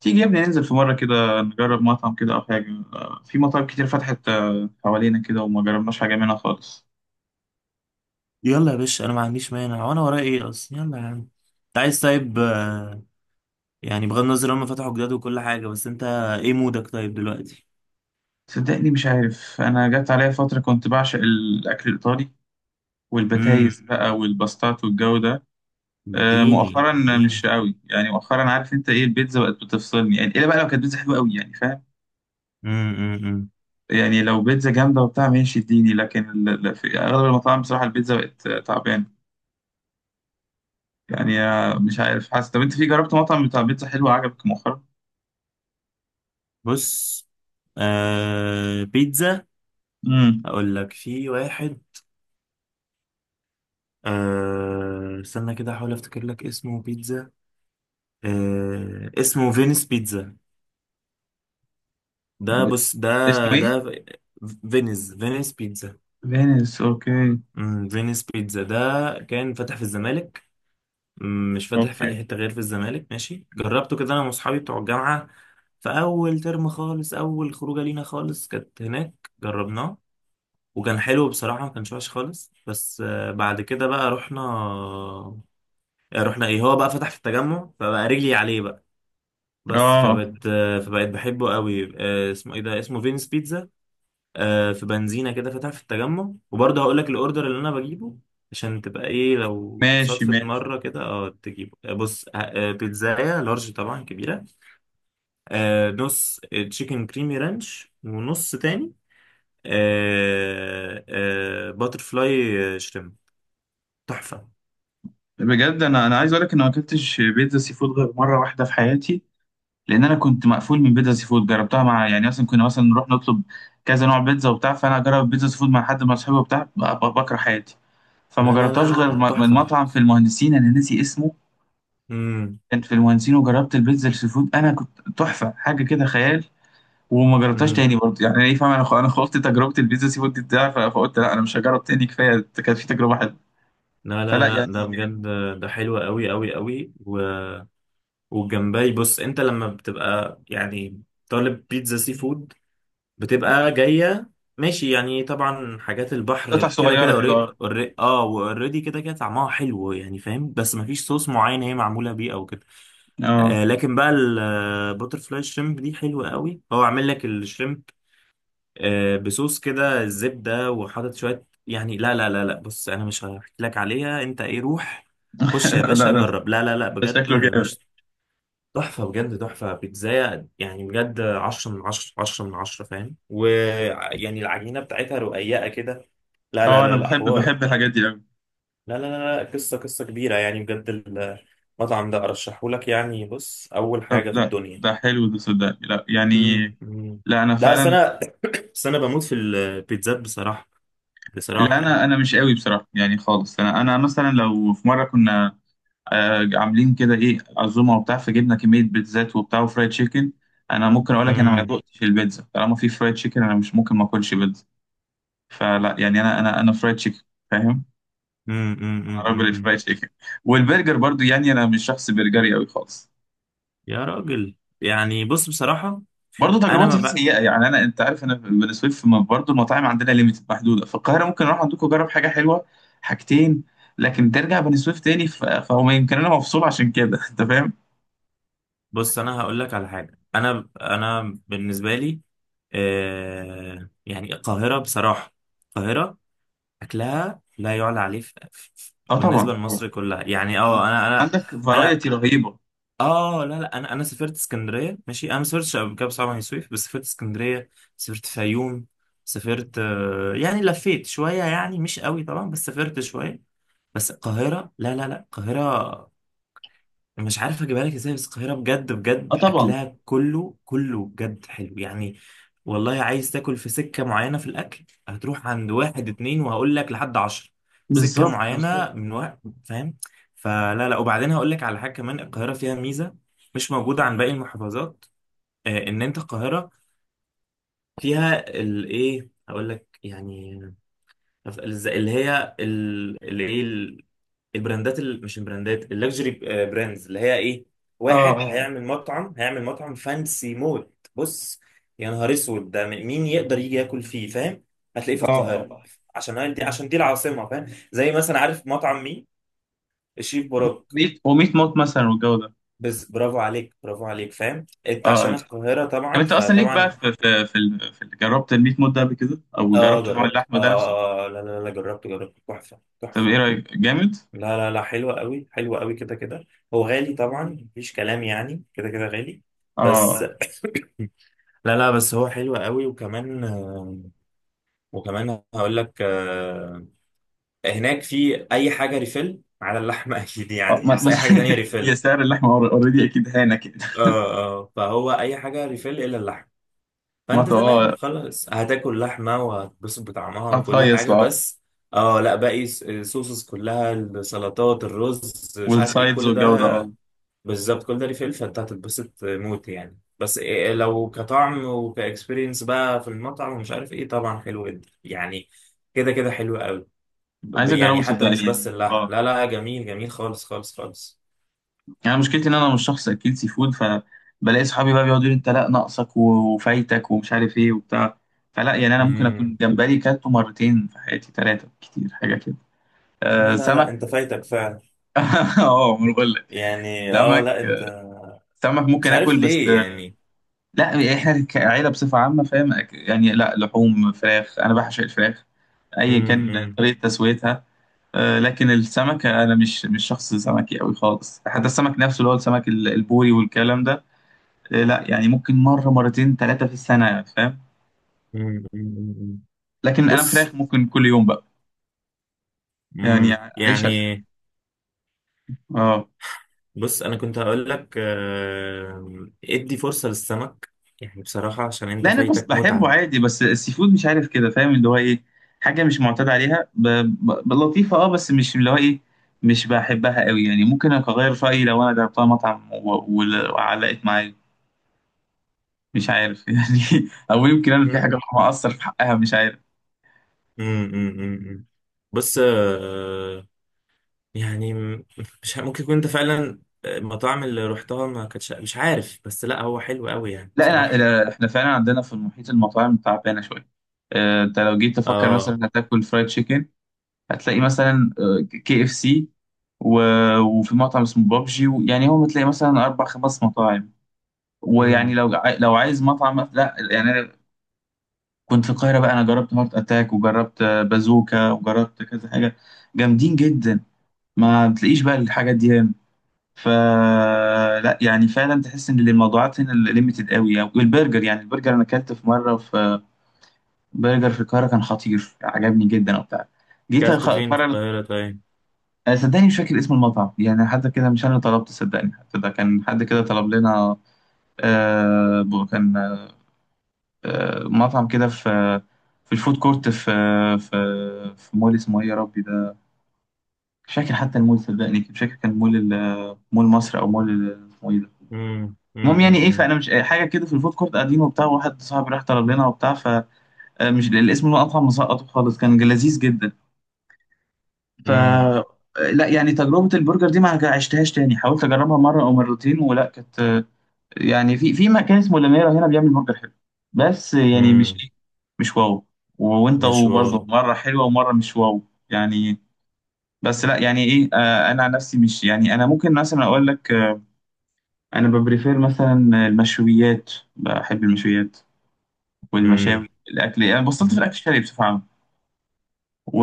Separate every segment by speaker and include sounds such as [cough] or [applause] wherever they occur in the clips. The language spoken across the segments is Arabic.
Speaker 1: تيجي يا ابني، ننزل في مرة كده نجرب مطعم كده أو حاجة. في مطاعم كتير فتحت حوالينا كده وما جربناش حاجة منها خالص.
Speaker 2: يلا يا باشا، انا ما عنديش مانع وانا ورايا ايه اصلا. يلا يا عم. انت عايز طيب؟ يعني بغض النظر هم فتحوا جداد وكل حاجه، بس انت ايه مودك طيب دلوقتي؟
Speaker 1: صدقني مش عارف، أنا جت عليا فترة كنت بعشق الأكل الإيطالي
Speaker 2: امم.
Speaker 1: والبتايز بقى والباستات والجو ده
Speaker 2: اديني
Speaker 1: مؤخرا. مش
Speaker 2: اديني.
Speaker 1: قوي يعني مؤخرا. عارف انت ايه؟ البيتزا بقت بتفصلني يعني، الا بقى لو كانت بيتزا حلوه قوي، يعني فاهم.
Speaker 2: أمم، أمم.
Speaker 1: يعني لو بيتزا جامده وبتاع ماشي اديني، لكن في اغلب المطاعم بصراحه البيتزا بقت تعبانه. يعني مش عارف، حاسس. طب انت في جربت مطعم بتاع بيتزا حلو عجبك مؤخرا؟
Speaker 2: بص. بيتزا.
Speaker 1: امم.
Speaker 2: اقول لك في واحد. استنى كده احاول افتكر لك اسمه بيتزا. اسمه فينيس بيتزا. ده. بص ده.
Speaker 1: اسمه ايه؟
Speaker 2: ده فينيس بيتزا.
Speaker 1: فينيس. اوكي.
Speaker 2: فينيس بيتزا ده كان فتح في الزمالك. مش فاتح في
Speaker 1: اوكي.
Speaker 2: اي حته غير في الزمالك، ماشي. جربته كده انا واصحابي بتوع الجامعه في اول ترم خالص، اول خروجه لينا خالص، كانت هناك جربناه. وكان حلو بصراحه، ما كانش وحش خالص. بس بعد كده بقى رحنا. رحنا ايه، هو بقى فتح في التجمع، فبقى رجلي عليه بقى. بس
Speaker 1: اه،
Speaker 2: فبقت بحبه قوي. اسمه ايه ده؟ اسمه فينس بيتزا. في بنزينة كده فاتحة في التجمع، وبرضه هقول لك الأوردر اللي أنا بجيبه عشان تبقى إيه لو
Speaker 1: ماشي
Speaker 2: صدفة
Speaker 1: ماشي.
Speaker 2: مرة كده تجيبه. بص. آه، بيتزاية لارج طبعا كبيرة. نص تشيكن كريمي رانش، ونص تاني باتر فلاي شريمب. تحفة.
Speaker 1: بجد، انا عايز اقول لك ان ما اكلتش بيتزا سي فود غير مره واحده في حياتي. لان انا كنت مقفول من بيتزا سي فود. جربتها مع، يعني مثلا كنا مثلا نروح نطلب كذا نوع بيتزا وبتاع، فانا اجرب بيتزا سي فود مع حد من اصحابي وبتاع، بكره حياتي.
Speaker 2: لا
Speaker 1: فما
Speaker 2: لا لا
Speaker 1: جربتهاش غير
Speaker 2: لا، لا،
Speaker 1: من
Speaker 2: تحفة.
Speaker 1: مطعم في المهندسين، انا ناسي اسمه.
Speaker 2: امم.
Speaker 1: كان في المهندسين، وجربت البيتزا السي فود، انا كنت تحفه، حاجه كده خيال. وما جربتهاش
Speaker 2: امم.
Speaker 1: تاني برضه، يعني ايه فاهم؟ انا خلطت تجربه البيتزا سي فود بتاعي، فقلت لا، انا مش هجرب تاني، كفايه كانت في تجربه حلوه.
Speaker 2: لا
Speaker 1: فلا
Speaker 2: لا
Speaker 1: يعني.
Speaker 2: لا ده بجد. ده حلو قوي قوي قوي والجمبري، بص انت لما بتبقى يعني طالب بيتزا سي فود، بتبقى جاية ماشي يعني. طبعا حاجات البحر
Speaker 1: قطع
Speaker 2: كده كده،
Speaker 1: صغيره كده.
Speaker 2: أوري...
Speaker 1: اه.
Speaker 2: أوري... اه واوريدي كده كده طعمها حلو يعني، فاهم؟ بس مفيش صوص معين هي معمولة بيه او كده.
Speaker 1: اه.
Speaker 2: لكن بقى البوتر فلاي شريمب دي حلوة قوي، هو عامل لك الشريمب بصوص كده الزبدة، وحاطط شوية يعني. لا لا لا لا، بص انا مش هحكي لك عليها، انت ايه، روح. خش يا
Speaker 1: [laughs]
Speaker 2: باشا
Speaker 1: لا لا،
Speaker 2: جرب. لا لا لا
Speaker 1: ده
Speaker 2: بجد
Speaker 1: شكله جامد.
Speaker 2: مش. تحفة بجد. تحفة بيتزاية يعني بجد، 10/10 10/10، فاهم؟ ويعني العجينة بتاعتها رقيقة كده. لا لا
Speaker 1: اه، انا
Speaker 2: لا لا،
Speaker 1: بحب
Speaker 2: حوار.
Speaker 1: بحب الحاجات دي قوي.
Speaker 2: لا لا لا لا، قصة قصة كبيرة يعني بجد. المطعم ده أرشحهولك يعني. بص، أول
Speaker 1: طب
Speaker 2: حاجة في
Speaker 1: لا،
Speaker 2: الدنيا.
Speaker 1: ده حلو ده صدقني، لا يعني.
Speaker 2: أمم.
Speaker 1: لا، انا
Speaker 2: لا، أصل
Speaker 1: فعلا.
Speaker 2: أنا [clears throat] [coughs] بس أنا بموت في البيتزات بصراحة.
Speaker 1: لا،
Speaker 2: بصراحة يعني.
Speaker 1: انا مش قوي بصراحه يعني خالص، انا مثلا لو في مره كنا عاملين كده ايه عزومه وبتاع، فجبنا كميه بيتزات وبتاع وفرايد تشيكن. انا ممكن اقول لك، انا ما
Speaker 2: امم
Speaker 1: دقتش البيتزا طالما في فرايد تشيكن، انا مش ممكن ما اكلش بيتزا. فلا يعني، انا فرايد تشيكن. فاهم. انا راجل
Speaker 2: أمم.
Speaker 1: الفرايد تشيكن. والبرجر برضو يعني، انا مش شخص برجري قوي خالص.
Speaker 2: يا راجل. يعني بص بصراحة.
Speaker 1: برضو
Speaker 2: أنا ما
Speaker 1: تجربتي فيه
Speaker 2: ب...
Speaker 1: سيئه يعني، انا، انت عارف، انا بالنسبه لي في برضو المطاعم عندنا ليميتد محدوده في القاهره، ممكن اروح عندكم اجرب حاجه حلوه. حاجتين. لكن ترجع بني سويف تاني، فهو يمكن انا مفصول عشان كده. [laughs] انت فاهم.
Speaker 2: بص انا هقول لك على حاجه. انا بالنسبه لي يعني القاهره بصراحه، القاهره اكلها لا يعلى عليه،
Speaker 1: اه طبعا
Speaker 2: بالنسبه
Speaker 1: طبعا.
Speaker 2: لمصر كلها يعني. اه انا انا
Speaker 1: عندك
Speaker 2: انا
Speaker 1: فرايتي رهيبه.
Speaker 2: اه لا لا، انا سافرت اسكندريه ماشي، انا ما سافرتش قبل كده بصراحه بني سويف، بس سافرت اسكندريه. سافرت فيوم. سافرت. يعني لفيت شويه يعني، مش قوي طبعا، بس سافرت شويه. بس القاهره، لا لا لا، القاهره مش عارف اجيبها لك ازاي، بس القاهرة بجد
Speaker 1: اه
Speaker 2: بجد
Speaker 1: طبعا.
Speaker 2: اكلها كله كله بجد حلو يعني. والله عايز تاكل في سكة معينة في الاكل، هتروح عند واحد اتنين وهقول لك لحد 10، سكة
Speaker 1: بالظبط بالظبط.
Speaker 2: معينة من وقت، فاهم؟ فلا لا، وبعدين هقول لك على حاجة كمان، القاهرة فيها ميزة مش موجودة عن باقي المحافظات. ان انت القاهرة فيها الايه، هقول لك يعني. نف- الز- اللي هي ال- اللي ايه ال- البراندات مش البراندات اللكجري، براندز اللي هي ايه.
Speaker 1: اه
Speaker 2: واحد
Speaker 1: اه
Speaker 2: هيعمل مطعم فانسي موت. بص. يا نهار اسود ده، مين يقدر يجي ياكل فيه، فاهم؟ هتلاقيه في
Speaker 1: اه
Speaker 2: القاهره
Speaker 1: اه.
Speaker 2: عشان دي العاصمه، فاهم؟ زي مثلا، عارف مطعم مين؟ الشيف براك.
Speaker 1: ميت وميت موت مثلا والجو ده،
Speaker 2: بس برافو عليك برافو عليك، فاهم
Speaker 1: اه،
Speaker 2: انت،
Speaker 1: آه.
Speaker 2: عشان القاهره
Speaker 1: طب
Speaker 2: طبعا
Speaker 1: انت اصلا ليك بقى
Speaker 2: فطبعا.
Speaker 1: في جربت الميت موت ده قبل كده، او
Speaker 2: اه
Speaker 1: جربت نوع
Speaker 2: جربت
Speaker 1: اللحم ده نفسه؟
Speaker 2: لا لا لا، جربت تحفه
Speaker 1: طب
Speaker 2: تحفه.
Speaker 1: ايه رايك؟ جامد.
Speaker 2: لا لا لا، حلوة قوي حلوة قوي كده كده. هو غالي طبعا، مفيش كلام يعني كده كده غالي. بس
Speaker 1: اه
Speaker 2: [coughs] لا لا، بس هو حلو قوي وكمان وكمان هقول لك هناك في اي حاجه ريفيل على اللحمه [laughs] اكيد
Speaker 1: اه،
Speaker 2: يعني، بس اي حاجه تانية
Speaker 1: [laughs] هي
Speaker 2: ريفيل.
Speaker 1: سعر اللحمه اوريدي اكيد هانا كده.
Speaker 2: اه اه، فهو اي حاجه ريفيل الا اللحم.
Speaker 1: ما
Speaker 2: فانت
Speaker 1: ت-
Speaker 2: تمام
Speaker 1: اه،
Speaker 2: خلاص، هتاكل لحمه وهتتبسط بطعمها وكل
Speaker 1: هتهيص
Speaker 2: حاجه.
Speaker 1: بقى.
Speaker 2: بس اه لا، باقي الصوصز كلها السلطات الرز مش عارف ايه
Speaker 1: والسايدز
Speaker 2: كل
Speaker 1: والجو ده،
Speaker 2: ده.
Speaker 1: اه.
Speaker 2: بالظبط كل ده ليه فلفل، فانت هتتبسط موت يعني. بس إيه لو كطعم وكاكسبيرينس بقى في المطعم ومش عارف ايه، طبعا حلو جدا يعني، كده كده حلو قوي.
Speaker 1: عايز اجربه
Speaker 2: يعني حتى
Speaker 1: صدقني
Speaker 2: مش بس
Speaker 1: يعني،
Speaker 2: اللحم،
Speaker 1: اه.
Speaker 2: لا لا جميل جميل خالص خالص خالص.
Speaker 1: يعني مشكلتي ان انا مش شخص اكيل سي فود، فبلاقي صحابي بقى بيقعدوا يقولوا انت لا، ناقصك وفايتك ومش عارف ايه وبتاع. فلا يعني، انا ممكن
Speaker 2: امم.
Speaker 1: اكون جمبري كلته مرتين في حياتي، ثلاثه كتير حاجه كده.
Speaker 2: لا لا لا،
Speaker 1: سمك.
Speaker 2: انت فايتك فعلا.
Speaker 1: [laughs] اه، ما أنا بقول لك.
Speaker 2: يعني
Speaker 1: سمك.
Speaker 2: لا انت
Speaker 1: سمك
Speaker 2: مش
Speaker 1: ممكن
Speaker 2: عارف
Speaker 1: اكل، بس
Speaker 2: ليه يعني.
Speaker 1: لا، احنا كعيله بصفه عامه فاهم، يعني لا، لحوم فراخ انا بعشق الفراخ. اي
Speaker 2: امم
Speaker 1: كان
Speaker 2: امم
Speaker 1: طريقه تسويتها. لكن السمك، انا مش شخص سمكي قوي خالص، حتى السمك نفسه اللي هو السمك البوري والكلام ده. إيه، لا يعني، ممكن مرة مرتين ثلاثة في السنة، فاهم.
Speaker 2: أمم، أمم.
Speaker 1: لكن أنا فراخ
Speaker 2: بص.
Speaker 1: ممكن كل يوم بقى. يعني، عيشة،
Speaker 2: يعني.
Speaker 1: اه.
Speaker 2: بص انا كنت هقول لك، ادي فرصة للسمك، يعني بصراحة عشان انت
Speaker 1: لا، أنا بس
Speaker 2: فايتك
Speaker 1: بحبه
Speaker 2: متعة.
Speaker 1: عادي، بس السي فود مش عارف كده، فاهم، اللي هو إيه. حاجة مش معتاد عليها، لطيفة، بس مش اللي هو إيه. مش بحبها قوي يعني، ممكن أغير رأيي لو أنا جربتها مطعم و... و... وعلقت معايا. مش عارف. [laughs] يعني أو يمكن أنا في
Speaker 2: مم.
Speaker 1: حاجة مقصر في حقها، مش عارف.
Speaker 2: مم، مم، مم، مم. بص. آه، يعني م- مش ه- ممكن يكون انت فعلا المطاعم اللي رحتها ما كانتش مش عارف، بس لا هو حلو قوي يعني بصراحة.
Speaker 1: لا، إحنا فعلا عندنا في المحيط المطاعم تعبانة شوية. انت لو جيت تفكر
Speaker 2: اه
Speaker 1: مثلا هتاكل فرايد تشيكن، هتلاقي مثلا KFC، وفي مطعم اسمه بابجي، يعني هو بتلاقي مثلا اربع خمس مطاعم. ويعني
Speaker 2: مم.
Speaker 1: لو عايز مطعم، لا يعني أنا كنت في القاهره بقى، انا جربت هارت اتاك، وجربت بازوكا، وجربت كذا حاجه. جامدين جدا. ما بتلاقيش بقى الحاجات دي هنا. فلا يعني، فعلا تحس ان الموضوعات هنا ليميتد قوي يعني. والبرجر، يعني البرجر، انا اكلت في مره في برجر في القاهره كان خطير، عجبني جدا وبتاع. جيت
Speaker 2: كلت فين في
Speaker 1: المره،
Speaker 2: القاهرة طيب؟
Speaker 1: صدقني مش فاكر اسم المطعم يعني، حتى كده مش انا طلبت، صدقني حتى ده كان حد كده طلب لنا. كان مطعم كده في، في الفود كورت، في، في، في مول اسمه ايه يا ربي ده؟ مش فاكر حتى المول صدقني، مش فاكر، كان مول مصر او اسمه ايه ده؟
Speaker 2: مم، مم،
Speaker 1: المهم
Speaker 2: مم،
Speaker 1: يعني ايه،
Speaker 2: مم،
Speaker 1: فانا مش حاجه كده، في الفود كورت قاعدين وبتاع، واحد صاحبي راح طلب لنا وبتاع. فمش الاسم المطعم، مسقطه خالص، كان لذيذ جدا. ف،
Speaker 2: مم،
Speaker 1: لا يعني، تجربة البرجر دي ما هج- عشتهاش تاني، حاولت أجربها مرة أو مرتين ولا كانت يعني، في مكان اسمه لميرا هنا بيعمل برجر حلو، بس يعني مش
Speaker 2: مم.
Speaker 1: إيه. مش واو. وأنت
Speaker 2: مش
Speaker 1: برضه
Speaker 2: واو.
Speaker 1: مرة حلوة ومرة مش واو، يعني. بس لا يعني إيه، أنا عن نفسي مش يعني، أنا ممكن مثلا أقول لك، أنا ببريفير مثلا المشويات، بحب المشويات
Speaker 2: مم.
Speaker 1: والمشاوي، الأكل يعني بصلت في الأكل الشرقي بصفة عامة. و،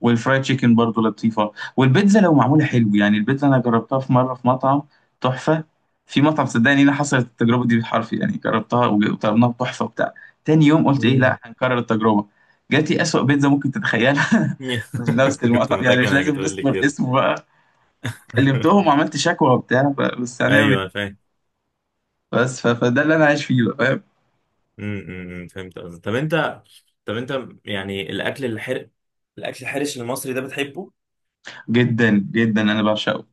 Speaker 1: والفرايد تشيكن برضو لطيفة، والبيتزا لو معمولة حلو، يعني البيتزا أنا جربتها في مرة في مطعم تحفة، في مطعم صدقني، أنا حصلت التجربة دي بالحرف يعني، جربتها وطلبناها بتحفة وبتاع. تاني يوم قلت إيه؟ لا
Speaker 2: مم.
Speaker 1: هنكرر التجربة. جات لي أسوأ بيتزا ممكن تتخيلها [laughs] من
Speaker 2: [laughs]
Speaker 1: نفس
Speaker 2: كنت
Speaker 1: المطعم، يعني
Speaker 2: متأكد
Speaker 1: مش
Speaker 2: انك
Speaker 1: لازم
Speaker 2: هتقول لي
Speaker 1: نذكر
Speaker 2: كده.
Speaker 1: اسمه بقى. كلمتهم
Speaker 2: [laughs]
Speaker 1: وعملت شكوى وبتاع، بس هنعمل إيه؟
Speaker 2: ايوه، أنا فاهم.
Speaker 1: بس فده اللي أنا عايش فيه بقى، فاهم؟
Speaker 2: أمم، إمم، فهمت قصدك. طب انت. طب انت يعني الاكل الحرش المصري ده بتحبه؟
Speaker 1: جدا جدا، أنا بعشقه.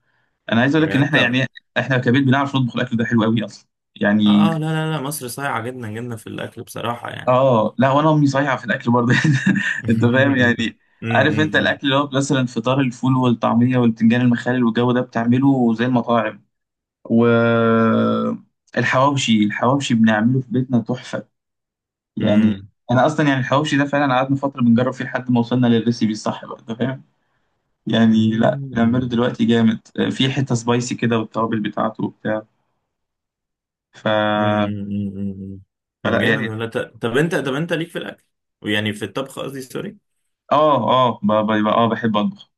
Speaker 1: أنا عايز أقول
Speaker 2: بجد
Speaker 1: لك إن إحنا
Speaker 2: انت؟
Speaker 1: يعني، إحنا كبيت بنعرف نطبخ الأكل ده حلو قوي أصلا. يعني،
Speaker 2: اه اه لا لا لا، مصر صايعه جدا جدا في الاكل بصراحه يعني.
Speaker 1: اه لا وانا امي صايعه في الاكل برضه. [laughs] انت فاهم يعني.
Speaker 2: [laughs] امم أمم،
Speaker 1: عارف انت
Speaker 2: أمم،
Speaker 1: الاكل اللي هو مثلا فطار الفول والطعميه والبتنجان المخلل والجو ده، بتعمله زي المطاعم. و، الحواوشي، الحواوشي بنعمله في بيتنا تحفه. يعني،
Speaker 2: أمم.
Speaker 1: انا اصلا يعني الحواوشي ده فعلا قعدنا فتره بنجرب فيه لحد ما وصلنا للريسيبي الصح بقى، انت فاهم. يعني لا، بنعمله
Speaker 2: أمم،
Speaker 1: دلوقتي جامد، في حته سبايسي كده والتوابل بتاعته وبتاع. ف...
Speaker 2: أمم، أمم. إمم. طب
Speaker 1: فلا
Speaker 2: جامد
Speaker 1: يعني.
Speaker 2: ولا طب انت ليك في الاكل، ويعني في الطبخ قصدي، سوري.
Speaker 1: اه اه، اه بحب اطبخ.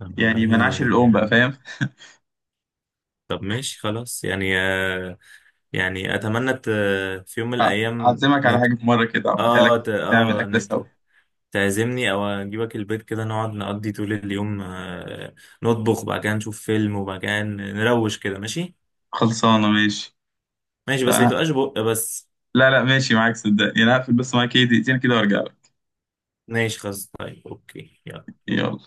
Speaker 2: طب والله
Speaker 1: يعني من عاشر الام
Speaker 2: يعني.
Speaker 1: بقى، فاهم.
Speaker 2: طب ماشي خلاص يعني يعني اتمنى في يوم من الايام
Speaker 1: أعزمك على حاجة في مرة كده أعملها لك.
Speaker 2: اه ت...
Speaker 1: نعمل
Speaker 2: اه
Speaker 1: أكلة سوا.
Speaker 2: نت... تعزمني او اجيبك البيت كده، نقعد نقضي طول اليوم، نطبخ، وبعد كده نشوف فيلم، وبعد كده نروش كده، ماشي؟
Speaker 1: خلصانة، ماشي.
Speaker 2: ماشي بس ما
Speaker 1: تمام.
Speaker 2: تبقاش بق بس.
Speaker 1: لا لا، ماشي معاك، صدقني أنا هقفل بس معاك إيه دقيقتين كده وأرجع لك.
Speaker 2: ماشي خلاص، طيب، اوكي، يلا.
Speaker 1: يلا